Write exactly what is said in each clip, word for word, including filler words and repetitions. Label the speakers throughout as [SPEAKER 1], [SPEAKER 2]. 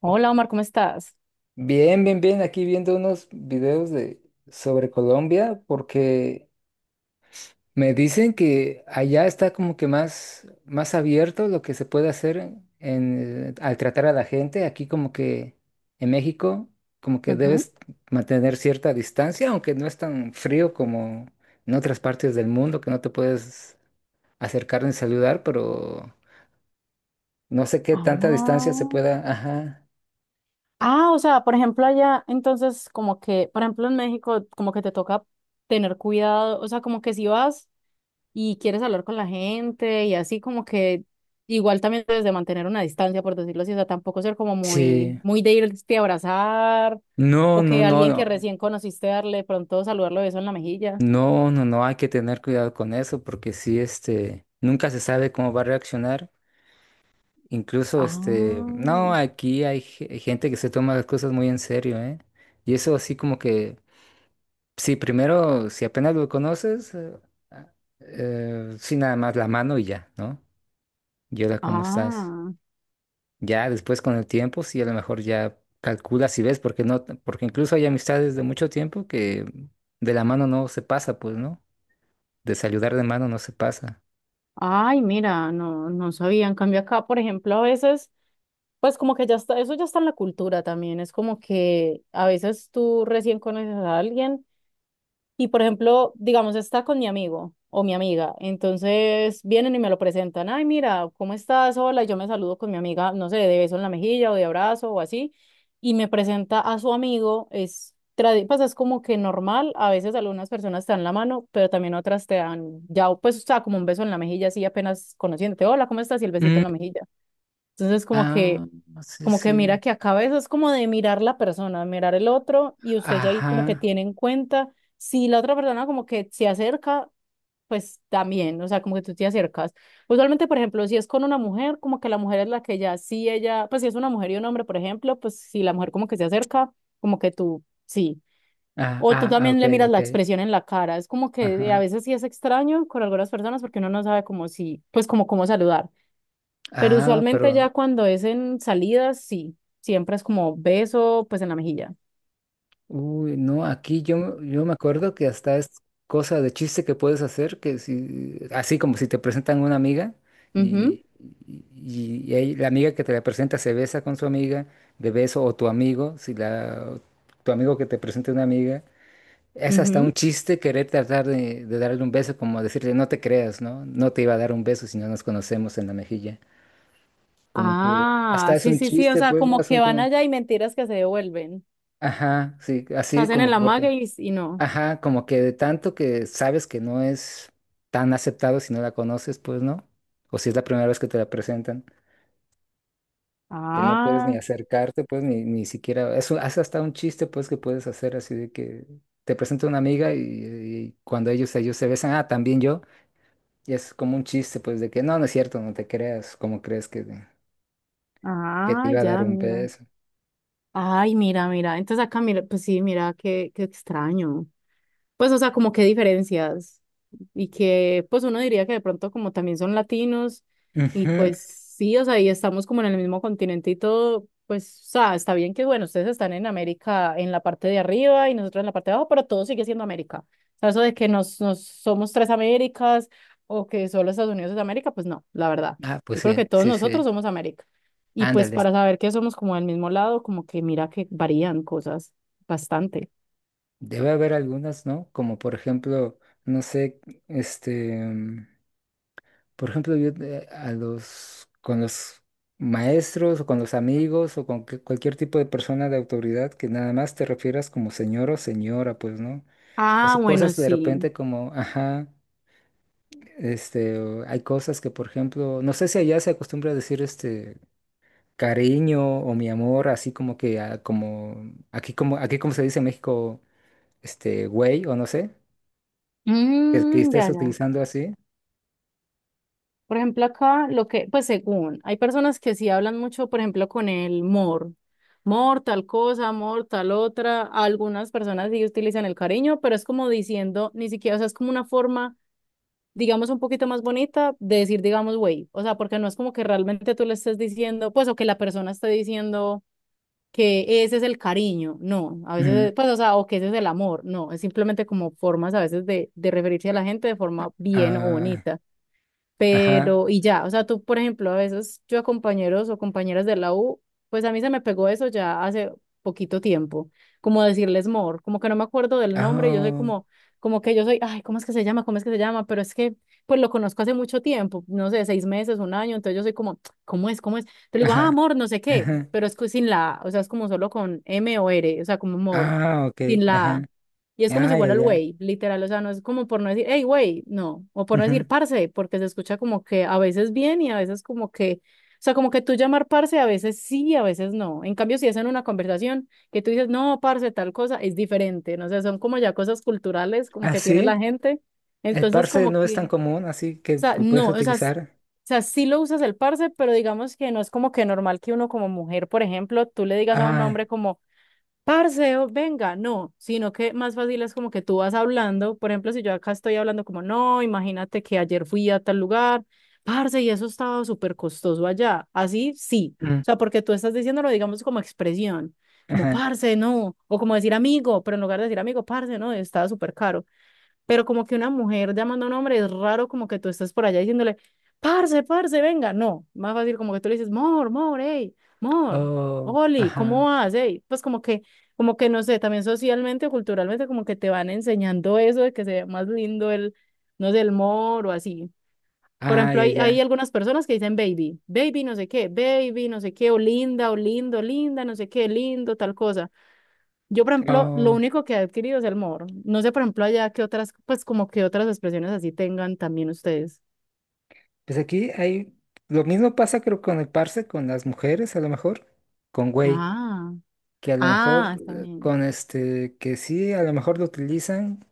[SPEAKER 1] Hola Omar, ¿cómo estás?
[SPEAKER 2] Bien, bien, bien. Aquí viendo unos videos de sobre Colombia porque me dicen que allá está como que más, más abierto lo que se puede hacer en, en, eh, al tratar a la gente. Aquí como que en México como que
[SPEAKER 1] Ujú.
[SPEAKER 2] debes mantener cierta distancia, aunque no es tan frío como en otras partes del mundo que no te puedes acercar ni saludar, pero no sé qué tanta distancia se
[SPEAKER 1] Ah,
[SPEAKER 2] pueda. Ajá.
[SPEAKER 1] ah, o sea, por ejemplo, allá, entonces, como que, por ejemplo, en México, como que te toca tener cuidado, o sea, como que si vas y quieres hablar con la gente y así, como que igual también debes de mantener una distancia, por decirlo así, o sea, tampoco ser como muy,
[SPEAKER 2] Sí.
[SPEAKER 1] muy de irte a abrazar
[SPEAKER 2] No,
[SPEAKER 1] o
[SPEAKER 2] no,
[SPEAKER 1] que
[SPEAKER 2] no,
[SPEAKER 1] alguien que
[SPEAKER 2] no.
[SPEAKER 1] recién conociste darle de pronto saludarlo beso en la mejilla.
[SPEAKER 2] No, no, no, hay que tener cuidado con eso porque sí, este, nunca se sabe cómo va a reaccionar. Incluso, este, no,
[SPEAKER 1] Ah,
[SPEAKER 2] aquí hay ge- gente que se toma las cosas muy en serio, ¿eh? Y eso así como que, sí, primero, si apenas lo conoces, eh, ah, eh, sí, nada más la mano y ya, ¿no? Y hola, ¿cómo estás?
[SPEAKER 1] ah,
[SPEAKER 2] Ya después con el tiempo, sí, a lo mejor ya calculas y ves, porque no, porque incluso hay amistades de mucho tiempo que de la mano no se pasa, pues, ¿no? De saludar de mano no se pasa.
[SPEAKER 1] ay, mira, no, no sabía. En cambio acá, por ejemplo, a veces. Pues como que ya está, eso ya está en la cultura también, es como que a veces tú recién conoces a alguien y, por ejemplo, digamos, está con mi amigo o mi amiga, entonces vienen y me lo presentan, ay, mira, ¿cómo estás? Hola, y yo me saludo con mi amiga, no sé, de beso en la mejilla o de abrazo o así, y me presenta a su amigo, es, tradi- pues es como que normal, a veces algunas personas te dan la mano, pero también otras te dan, ya, pues, o sea, como un beso en la mejilla, así apenas conociéndote, hola, ¿cómo estás? Y el besito
[SPEAKER 2] Mm,
[SPEAKER 1] en la mejilla. Entonces, como que
[SPEAKER 2] ah, sí,
[SPEAKER 1] como que mira
[SPEAKER 2] sí.
[SPEAKER 1] que acaba eso es como de mirar la persona, mirar el otro, y usted ya ahí como que
[SPEAKER 2] Ajá.
[SPEAKER 1] tiene en cuenta si la otra persona como que se acerca, pues también, o sea, como que tú te acercas. Usualmente, por ejemplo, si es con una mujer, como que la mujer es la que ya, si ella, pues si es una mujer y un hombre, por ejemplo, pues si la mujer como que se acerca, como que tú, sí.
[SPEAKER 2] Ah,
[SPEAKER 1] O tú
[SPEAKER 2] ah, ah,
[SPEAKER 1] también
[SPEAKER 2] ok,
[SPEAKER 1] le miras la
[SPEAKER 2] ok.
[SPEAKER 1] expresión en la cara, es como que a
[SPEAKER 2] Ajá.
[SPEAKER 1] veces sí es extraño con algunas personas porque uno no sabe como si, pues como cómo saludar. Pero
[SPEAKER 2] Ah,
[SPEAKER 1] usualmente
[SPEAKER 2] pero,
[SPEAKER 1] ya cuando es en salidas, sí, siempre es como beso, pues en la mejilla.
[SPEAKER 2] uy, no, aquí yo, me- yo me acuerdo que hasta es cosa de chiste que puedes hacer, que si, así como si te presentan una amiga y, y, y ahí la amiga que te la presenta se besa con su amiga de beso o tu amigo, si la, tu amigo que te presenta una amiga. Es
[SPEAKER 1] Ujú,
[SPEAKER 2] hasta un
[SPEAKER 1] ujú.
[SPEAKER 2] chiste querer tratar de, de darle un beso, como decirle, no te creas, ¿no? No te iba a dar un beso si no nos conocemos en la mejilla. Como que hasta
[SPEAKER 1] Ah,
[SPEAKER 2] es
[SPEAKER 1] sí,
[SPEAKER 2] un
[SPEAKER 1] sí, sí, o
[SPEAKER 2] chiste,
[SPEAKER 1] sea,
[SPEAKER 2] pues, ¿no?
[SPEAKER 1] como
[SPEAKER 2] Es un
[SPEAKER 1] que van
[SPEAKER 2] como,
[SPEAKER 1] allá y mentiras que se devuelven.
[SPEAKER 2] ajá, sí,
[SPEAKER 1] Se
[SPEAKER 2] así
[SPEAKER 1] hacen en
[SPEAKER 2] como
[SPEAKER 1] la
[SPEAKER 2] porque,
[SPEAKER 1] maga, y, y no.
[SPEAKER 2] ajá, como que de tanto que sabes que no es tan aceptado si no la conoces, pues, ¿no? O si es la primera vez que te la presentan, que no puedes ni
[SPEAKER 1] Ah,
[SPEAKER 2] acercarte, pues, ni, ni siquiera, eso hace hasta un chiste, pues, que puedes hacer así de que te presenta una amiga y, y cuando ellos, ellos se besan, ah, también yo. Y es como un chiste, pues, de que no, no es cierto, no te creas, ¿cómo crees que, te- que te
[SPEAKER 1] ah,
[SPEAKER 2] iba a dar
[SPEAKER 1] ya,
[SPEAKER 2] un
[SPEAKER 1] mira.
[SPEAKER 2] peso?
[SPEAKER 1] Ay, mira, mira. Entonces acá, mira, pues sí, mira, qué, qué extraño. Pues, o sea, como qué diferencias. Y que, pues, uno diría que de pronto como también son latinos, y
[SPEAKER 2] Ujú.
[SPEAKER 1] pues sí, o sea, y estamos como en el mismo continente y todo, pues, o sea, está bien que, bueno, ustedes están en América en la parte de arriba y nosotros en la parte de abajo, pero todo sigue siendo América. O sea, eso de que nos, nos somos tres Américas o que solo Estados Unidos es América, pues no, la verdad.
[SPEAKER 2] Ah, pues
[SPEAKER 1] Yo creo que
[SPEAKER 2] sí,
[SPEAKER 1] todos
[SPEAKER 2] sí,
[SPEAKER 1] nosotros
[SPEAKER 2] sí.
[SPEAKER 1] somos América. Y pues
[SPEAKER 2] Ándale.
[SPEAKER 1] para saber que somos como del mismo lado, como que mira que varían cosas bastante.
[SPEAKER 2] Debe haber algunas, ¿no? Como por ejemplo, no sé, este, mm, por ejemplo, yo eh, a los, con los maestros o con los amigos o con que- cualquier tipo de persona de autoridad que nada más te refieras como señor o señora, pues, ¿no?
[SPEAKER 1] Ah,
[SPEAKER 2] Eso,
[SPEAKER 1] bueno,
[SPEAKER 2] cosas de
[SPEAKER 1] sí.
[SPEAKER 2] repente como, ajá. Este, o- hay cosas que, por ejemplo, no sé si allá se acostumbra a decir este cariño o mi amor, así como que ah, como aquí como aquí como se dice en México, este güey o no sé, que, que
[SPEAKER 1] Mm,
[SPEAKER 2] estés
[SPEAKER 1] ya, ya.
[SPEAKER 2] utilizando así.
[SPEAKER 1] Por ejemplo, acá lo que, pues según, hay personas que sí hablan mucho, por ejemplo, con el mor. Mor, tal cosa, mor, tal otra. Algunas personas sí utilizan el cariño, pero es como diciendo, ni siquiera, o sea, es como una forma, digamos, un poquito más bonita de decir, digamos, güey. O sea, porque no es como que realmente tú le estés diciendo, pues, o que la persona esté diciendo que ese es el cariño. No, a
[SPEAKER 2] Ujú.
[SPEAKER 1] veces, pues, o sea, o que ese es el amor. No, es simplemente como formas a veces de, de referirse a la gente de forma bien o
[SPEAKER 2] Ah,
[SPEAKER 1] bonita.
[SPEAKER 2] ajá.
[SPEAKER 1] Pero y ya, o sea, tú, por ejemplo, a veces yo a compañeros o compañeras de la U, pues a mí se me pegó eso ya hace poquito tiempo, como decirles mor, como que no me acuerdo del nombre, yo soy
[SPEAKER 2] Ah,
[SPEAKER 1] como, como que yo soy, ay, ¿cómo es que se llama? ¿Cómo es que se llama? Pero es que, pues lo conozco hace mucho tiempo, no sé, seis meses, un año, entonces yo soy como, ¿cómo es? ¿Cómo es? Te digo, ah,
[SPEAKER 2] ajá.
[SPEAKER 1] amor, no sé qué,
[SPEAKER 2] Ajá.
[SPEAKER 1] pero es que sin la A, o sea, es como solo con M o R, o sea, como mor,
[SPEAKER 2] Ah, ok.
[SPEAKER 1] sin la
[SPEAKER 2] Ajá.
[SPEAKER 1] A. Y es como si
[SPEAKER 2] Ay,
[SPEAKER 1] fuera
[SPEAKER 2] ay,
[SPEAKER 1] el
[SPEAKER 2] ay.
[SPEAKER 1] güey, literal, o sea, no es como por no decir, hey, güey, no, o por no
[SPEAKER 2] Ujú.
[SPEAKER 1] decir parce, porque se escucha como que a veces bien y a veces como que, o sea, como que tú llamar parce a veces sí, a veces no. En cambio, si es en una conversación que tú dices, no, parce, tal cosa, es diferente, no sé, son como ya cosas culturales como
[SPEAKER 2] Ah,
[SPEAKER 1] que tiene la
[SPEAKER 2] sí.
[SPEAKER 1] gente.
[SPEAKER 2] El
[SPEAKER 1] Entonces,
[SPEAKER 2] parse
[SPEAKER 1] como
[SPEAKER 2] no es
[SPEAKER 1] que,
[SPEAKER 2] tan
[SPEAKER 1] o
[SPEAKER 2] común, así que
[SPEAKER 1] sea,
[SPEAKER 2] lo puedes
[SPEAKER 1] no, o sea, s-
[SPEAKER 2] utilizar.
[SPEAKER 1] o sea, sí lo usas el parce, pero digamos que no es como que normal que uno como mujer, por ejemplo, tú le digas a un
[SPEAKER 2] Ah,
[SPEAKER 1] hombre como parce, o venga, no, sino que más fácil es como que tú vas hablando, por ejemplo, si yo acá estoy hablando como, no, imagínate que ayer fui a tal lugar, parce, y eso estaba súper costoso allá, así sí,
[SPEAKER 2] mm,
[SPEAKER 1] o sea, porque tú estás diciéndolo, digamos, como expresión, como,
[SPEAKER 2] ajá.
[SPEAKER 1] parce, no, o como decir amigo, pero en lugar de decir amigo, parce, no, estaba súper caro, pero como que una mujer llamando a un hombre es raro como que tú estás por allá diciéndole, parce, parce, venga, no, más fácil como que tú le dices, mor, mor, hey, mor,
[SPEAKER 2] Oh,
[SPEAKER 1] Oli, ¿cómo
[SPEAKER 2] ajá.
[SPEAKER 1] vas? ¿Hey? Pues como que, como que no sé, también socialmente o culturalmente como que te van enseñando eso de que se ve más lindo el, no sé, el mor o así. Por
[SPEAKER 2] Ay,
[SPEAKER 1] ejemplo, hay,
[SPEAKER 2] ay, ay.
[SPEAKER 1] hay algunas personas que dicen baby, baby no sé qué, baby no sé qué, o linda, o lindo, linda, no sé qué, lindo, tal cosa. Yo, por ejemplo, lo
[SPEAKER 2] Oh,
[SPEAKER 1] único que he adquirido es el mor. No sé, por ejemplo, allá qué otras, pues como que otras expresiones así tengan también ustedes.
[SPEAKER 2] pues aquí hay, lo mismo pasa creo con el parse, con las mujeres a lo mejor, con güey,
[SPEAKER 1] Ah,
[SPEAKER 2] que a lo mejor
[SPEAKER 1] ah, está
[SPEAKER 2] eh,
[SPEAKER 1] bien.
[SPEAKER 2] con este, que sí, a lo mejor lo utilizan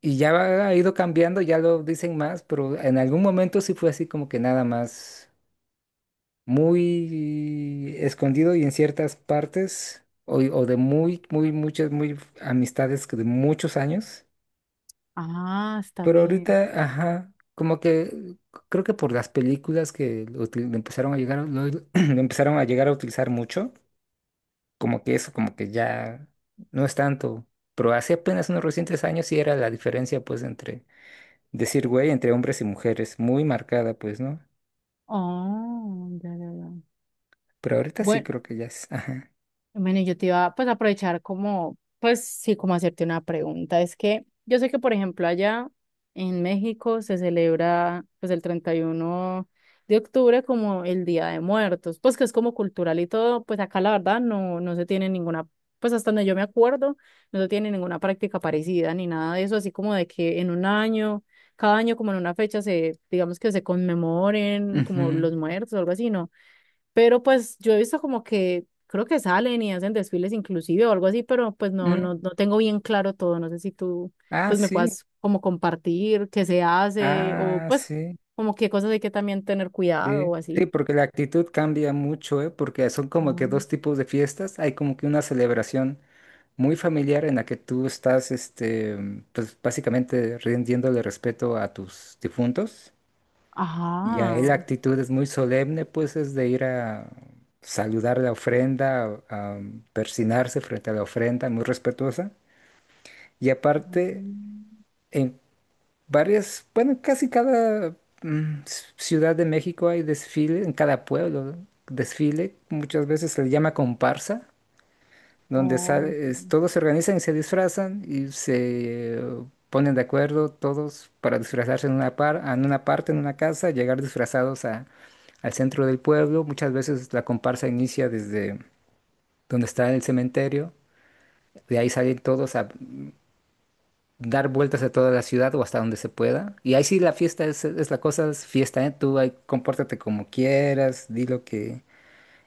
[SPEAKER 2] y ya va- ha ido cambiando, ya lo dicen más, pero en algún momento sí fue así como que nada más muy escondido y en ciertas partes o, o de muy, muy, muchas, muy amistades que de muchos años.
[SPEAKER 1] Ah, está
[SPEAKER 2] Pero
[SPEAKER 1] bien.
[SPEAKER 2] ahorita, ajá, como que creo que por las películas que lo util- empezaron a llegar, a- lo, lo empezaron a llegar a utilizar mucho, como que eso, como que ya no es tanto. Pero hace apenas unos recientes años sí era la diferencia, pues, entre decir güey, entre hombres y mujeres, muy marcada, pues, ¿no?
[SPEAKER 1] Oh, ya, ya, ya.
[SPEAKER 2] Pero ahorita sí
[SPEAKER 1] Bue-
[SPEAKER 2] creo que ya es, ajá.
[SPEAKER 1] Bueno, yo te iba pues a aprovechar como, pues sí, como hacerte una pregunta. Es que yo sé que, por ejemplo, allá en México se celebra pues el treinta y uno de octubre como el Día de Muertos, pues que es como cultural y todo, pues acá la verdad no, no se tiene ninguna, pues hasta donde yo me acuerdo, no se tiene ninguna práctica parecida ni nada de eso, así como de que en un año, cada año como en una fecha se, digamos que se conmemoren como
[SPEAKER 2] Ujú.
[SPEAKER 1] los muertos o algo así, ¿no? Pero pues yo he visto como que creo que salen y hacen desfiles inclusive o algo así, pero pues no, no,
[SPEAKER 2] Mm.
[SPEAKER 1] no tengo bien claro todo. No sé si tú
[SPEAKER 2] Ah,
[SPEAKER 1] pues me
[SPEAKER 2] sí,
[SPEAKER 1] puedas como compartir qué se hace o
[SPEAKER 2] ah,
[SPEAKER 1] pues
[SPEAKER 2] sí,
[SPEAKER 1] como qué cosas hay que también tener cuidado
[SPEAKER 2] sí.
[SPEAKER 1] o
[SPEAKER 2] Sí,
[SPEAKER 1] así.
[SPEAKER 2] porque la actitud cambia mucho, ¿eh? Porque son como que
[SPEAKER 1] Mm.
[SPEAKER 2] dos tipos de fiestas. Hay como que una celebración muy familiar en la que tú estás, este, pues básicamente rindiéndole respeto a tus difuntos. Y
[SPEAKER 1] Ajá.
[SPEAKER 2] ahí la actitud es muy solemne, pues es de ir a saludar la ofrenda, a persinarse frente a la ofrenda, muy respetuosa. Y aparte,
[SPEAKER 1] Mm.
[SPEAKER 2] en varias, bueno, casi cada mm, ci- ciudad de México hay desfile, en cada pueblo, ¿no? Desfile, muchas veces se le llama comparsa donde
[SPEAKER 1] Oh,
[SPEAKER 2] sale- es-
[SPEAKER 1] sí.
[SPEAKER 2] todos se organizan y se disfrazan y se eh, ponen de acuerdo todos para disfrazarse en una par, en una parte, en una casa, llegar disfrazados a, al centro del pueblo. Muchas veces la comparsa inicia desde donde está el cementerio. De ahí salen todos a dar vueltas a toda la ciudad o hasta donde se pueda. Y ahí sí la fiesta es, es la cosa, es fiesta, ¿eh? Tú ahí compórtate como quieras, di lo que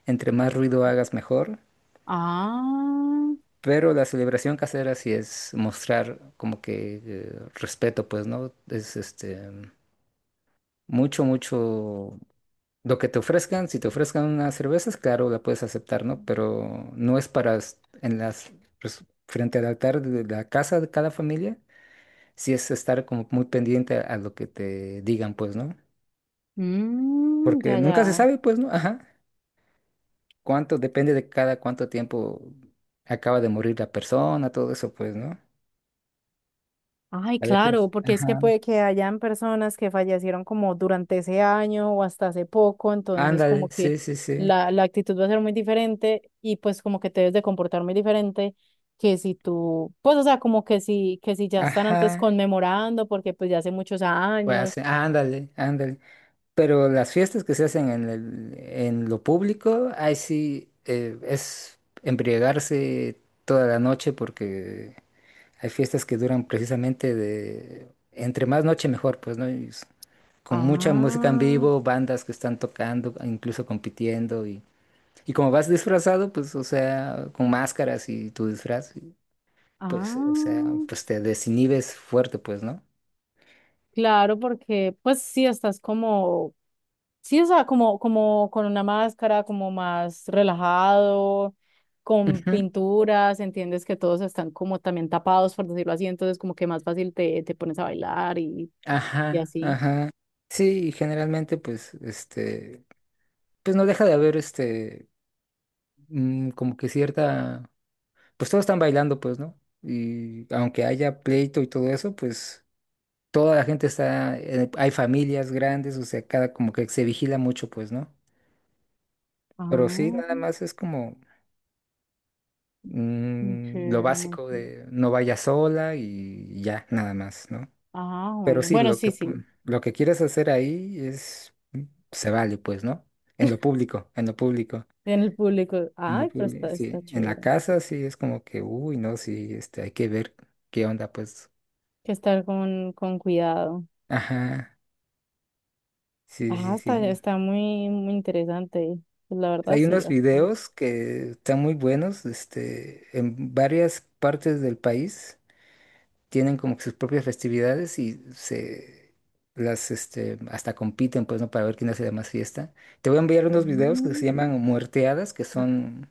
[SPEAKER 2] entre más ruido hagas mejor.
[SPEAKER 1] Ah,
[SPEAKER 2] Pero la celebración casera sí es mostrar como que eh, respeto, pues, ¿no? Es este mucho, mucho lo que te ofrezcan. Si te ofrezcan unas cervezas, claro, la puedes aceptar, ¿no? Pero no es para es- en las pues, frente al altar de la casa de cada familia, sí es estar como muy pendiente a lo que te digan, pues, ¿no?
[SPEAKER 1] mm,
[SPEAKER 2] Porque
[SPEAKER 1] ya,
[SPEAKER 2] nunca se
[SPEAKER 1] ya.
[SPEAKER 2] sabe, pues, ¿no? Ajá. Cuánto, depende de cada cuánto tiempo acaba de morir la persona, todo eso, pues, ¿no?
[SPEAKER 1] Ay,
[SPEAKER 2] A veces,
[SPEAKER 1] claro, porque es que
[SPEAKER 2] ajá.
[SPEAKER 1] puede que hayan personas que fallecieron como durante ese año o hasta hace poco, entonces
[SPEAKER 2] Ándale,
[SPEAKER 1] como que
[SPEAKER 2] sí, sí, sí.
[SPEAKER 1] la, la actitud va a ser muy diferente y pues como que te debes de comportar muy diferente que si tú, pues o sea, como que si, que si ya están antes
[SPEAKER 2] Ajá.
[SPEAKER 1] conmemorando porque pues ya hace muchos
[SPEAKER 2] Pues
[SPEAKER 1] años.
[SPEAKER 2] hacen, ándale, ándale. Pero las fiestas que se hacen en el, en lo público, ahí sí eh, es embriagarse toda la noche porque hay fiestas que duran precisamente de entre más noche mejor, pues, ¿no? Y s- con mucha música en
[SPEAKER 1] Ah,
[SPEAKER 2] vivo, bandas que están tocando, incluso compitiendo y, y como vas disfrazado, pues, o sea, con máscaras y tu disfraz, pues, o sea,
[SPEAKER 1] ah,
[SPEAKER 2] pues te desinhibes fuerte, pues, ¿no?
[SPEAKER 1] claro, porque pues sí estás como, sí, o sea, como, como, con una máscara, como más relajado, con
[SPEAKER 2] Ujú,
[SPEAKER 1] pinturas, entiendes que todos están como también tapados, por decirlo así, entonces como que más fácil te, te pones a bailar, y, y
[SPEAKER 2] ajá,
[SPEAKER 1] así.
[SPEAKER 2] ajá. Sí, y generalmente pues este, pues no deja de haber este, mm, como que cierta, pues todos están bailando pues, ¿no? Y aunque haya pleito y todo eso, pues toda la gente está, eh, hay familias grandes, o sea, cada como que se vigila mucho pues, ¿no? Pero sí,
[SPEAKER 1] Ah,
[SPEAKER 2] nada más es como
[SPEAKER 1] muy
[SPEAKER 2] mm, lo
[SPEAKER 1] chévere, muy
[SPEAKER 2] básico
[SPEAKER 1] chévere.
[SPEAKER 2] de no vayas sola y ya, nada más, ¿no?
[SPEAKER 1] Ah,
[SPEAKER 2] Pero
[SPEAKER 1] bueno,
[SPEAKER 2] sí,
[SPEAKER 1] bueno,
[SPEAKER 2] lo
[SPEAKER 1] sí,
[SPEAKER 2] que,
[SPEAKER 1] sí,
[SPEAKER 2] pu- lo que quieres hacer ahí es se vale, pues, ¿no? En lo público, en lo público,
[SPEAKER 1] en el público.
[SPEAKER 2] en lo
[SPEAKER 1] Ay, pero
[SPEAKER 2] público,
[SPEAKER 1] está,
[SPEAKER 2] sí.
[SPEAKER 1] está
[SPEAKER 2] En la
[SPEAKER 1] chévere.
[SPEAKER 2] casa sí es como que, uy, no, sí, este, hay que ver qué onda, pues.
[SPEAKER 1] Que estar con, con cuidado.
[SPEAKER 2] Ajá, sí,
[SPEAKER 1] Ah,
[SPEAKER 2] sí,
[SPEAKER 1] está,
[SPEAKER 2] sí.
[SPEAKER 1] está muy, muy interesante. Pues la verdad,
[SPEAKER 2] Hay
[SPEAKER 1] sí,
[SPEAKER 2] unos
[SPEAKER 1] bastante.
[SPEAKER 2] videos que están muy buenos, este, en varias partes del país tienen como que sus propias festividades y se las este hasta compiten pues no para ver quién hace la más fiesta. Te voy a enviar unos videos que se
[SPEAKER 1] Mm.
[SPEAKER 2] llaman muerteadas, que son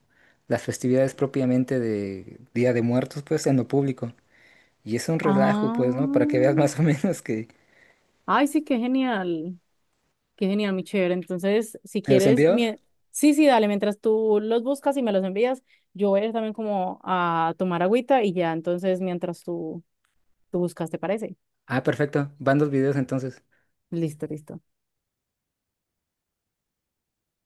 [SPEAKER 2] las festividades propiamente de Día de Muertos pues en lo público. Y es un relajo
[SPEAKER 1] Ah.
[SPEAKER 2] pues, ¿no? Para que veas más o menos que
[SPEAKER 1] Ay, sí, qué genial, qué genial, mi chévere. Entonces, si
[SPEAKER 2] ¿te los
[SPEAKER 1] quieres,
[SPEAKER 2] envío?
[SPEAKER 1] mie- sí, sí, dale, mientras tú los buscas y me los envías, yo voy a ir también como a tomar agüita y ya, entonces, mientras tú, tú, buscas, ¿te parece?
[SPEAKER 2] Ah, perfecto. Van dos videos entonces.
[SPEAKER 1] Listo, listo.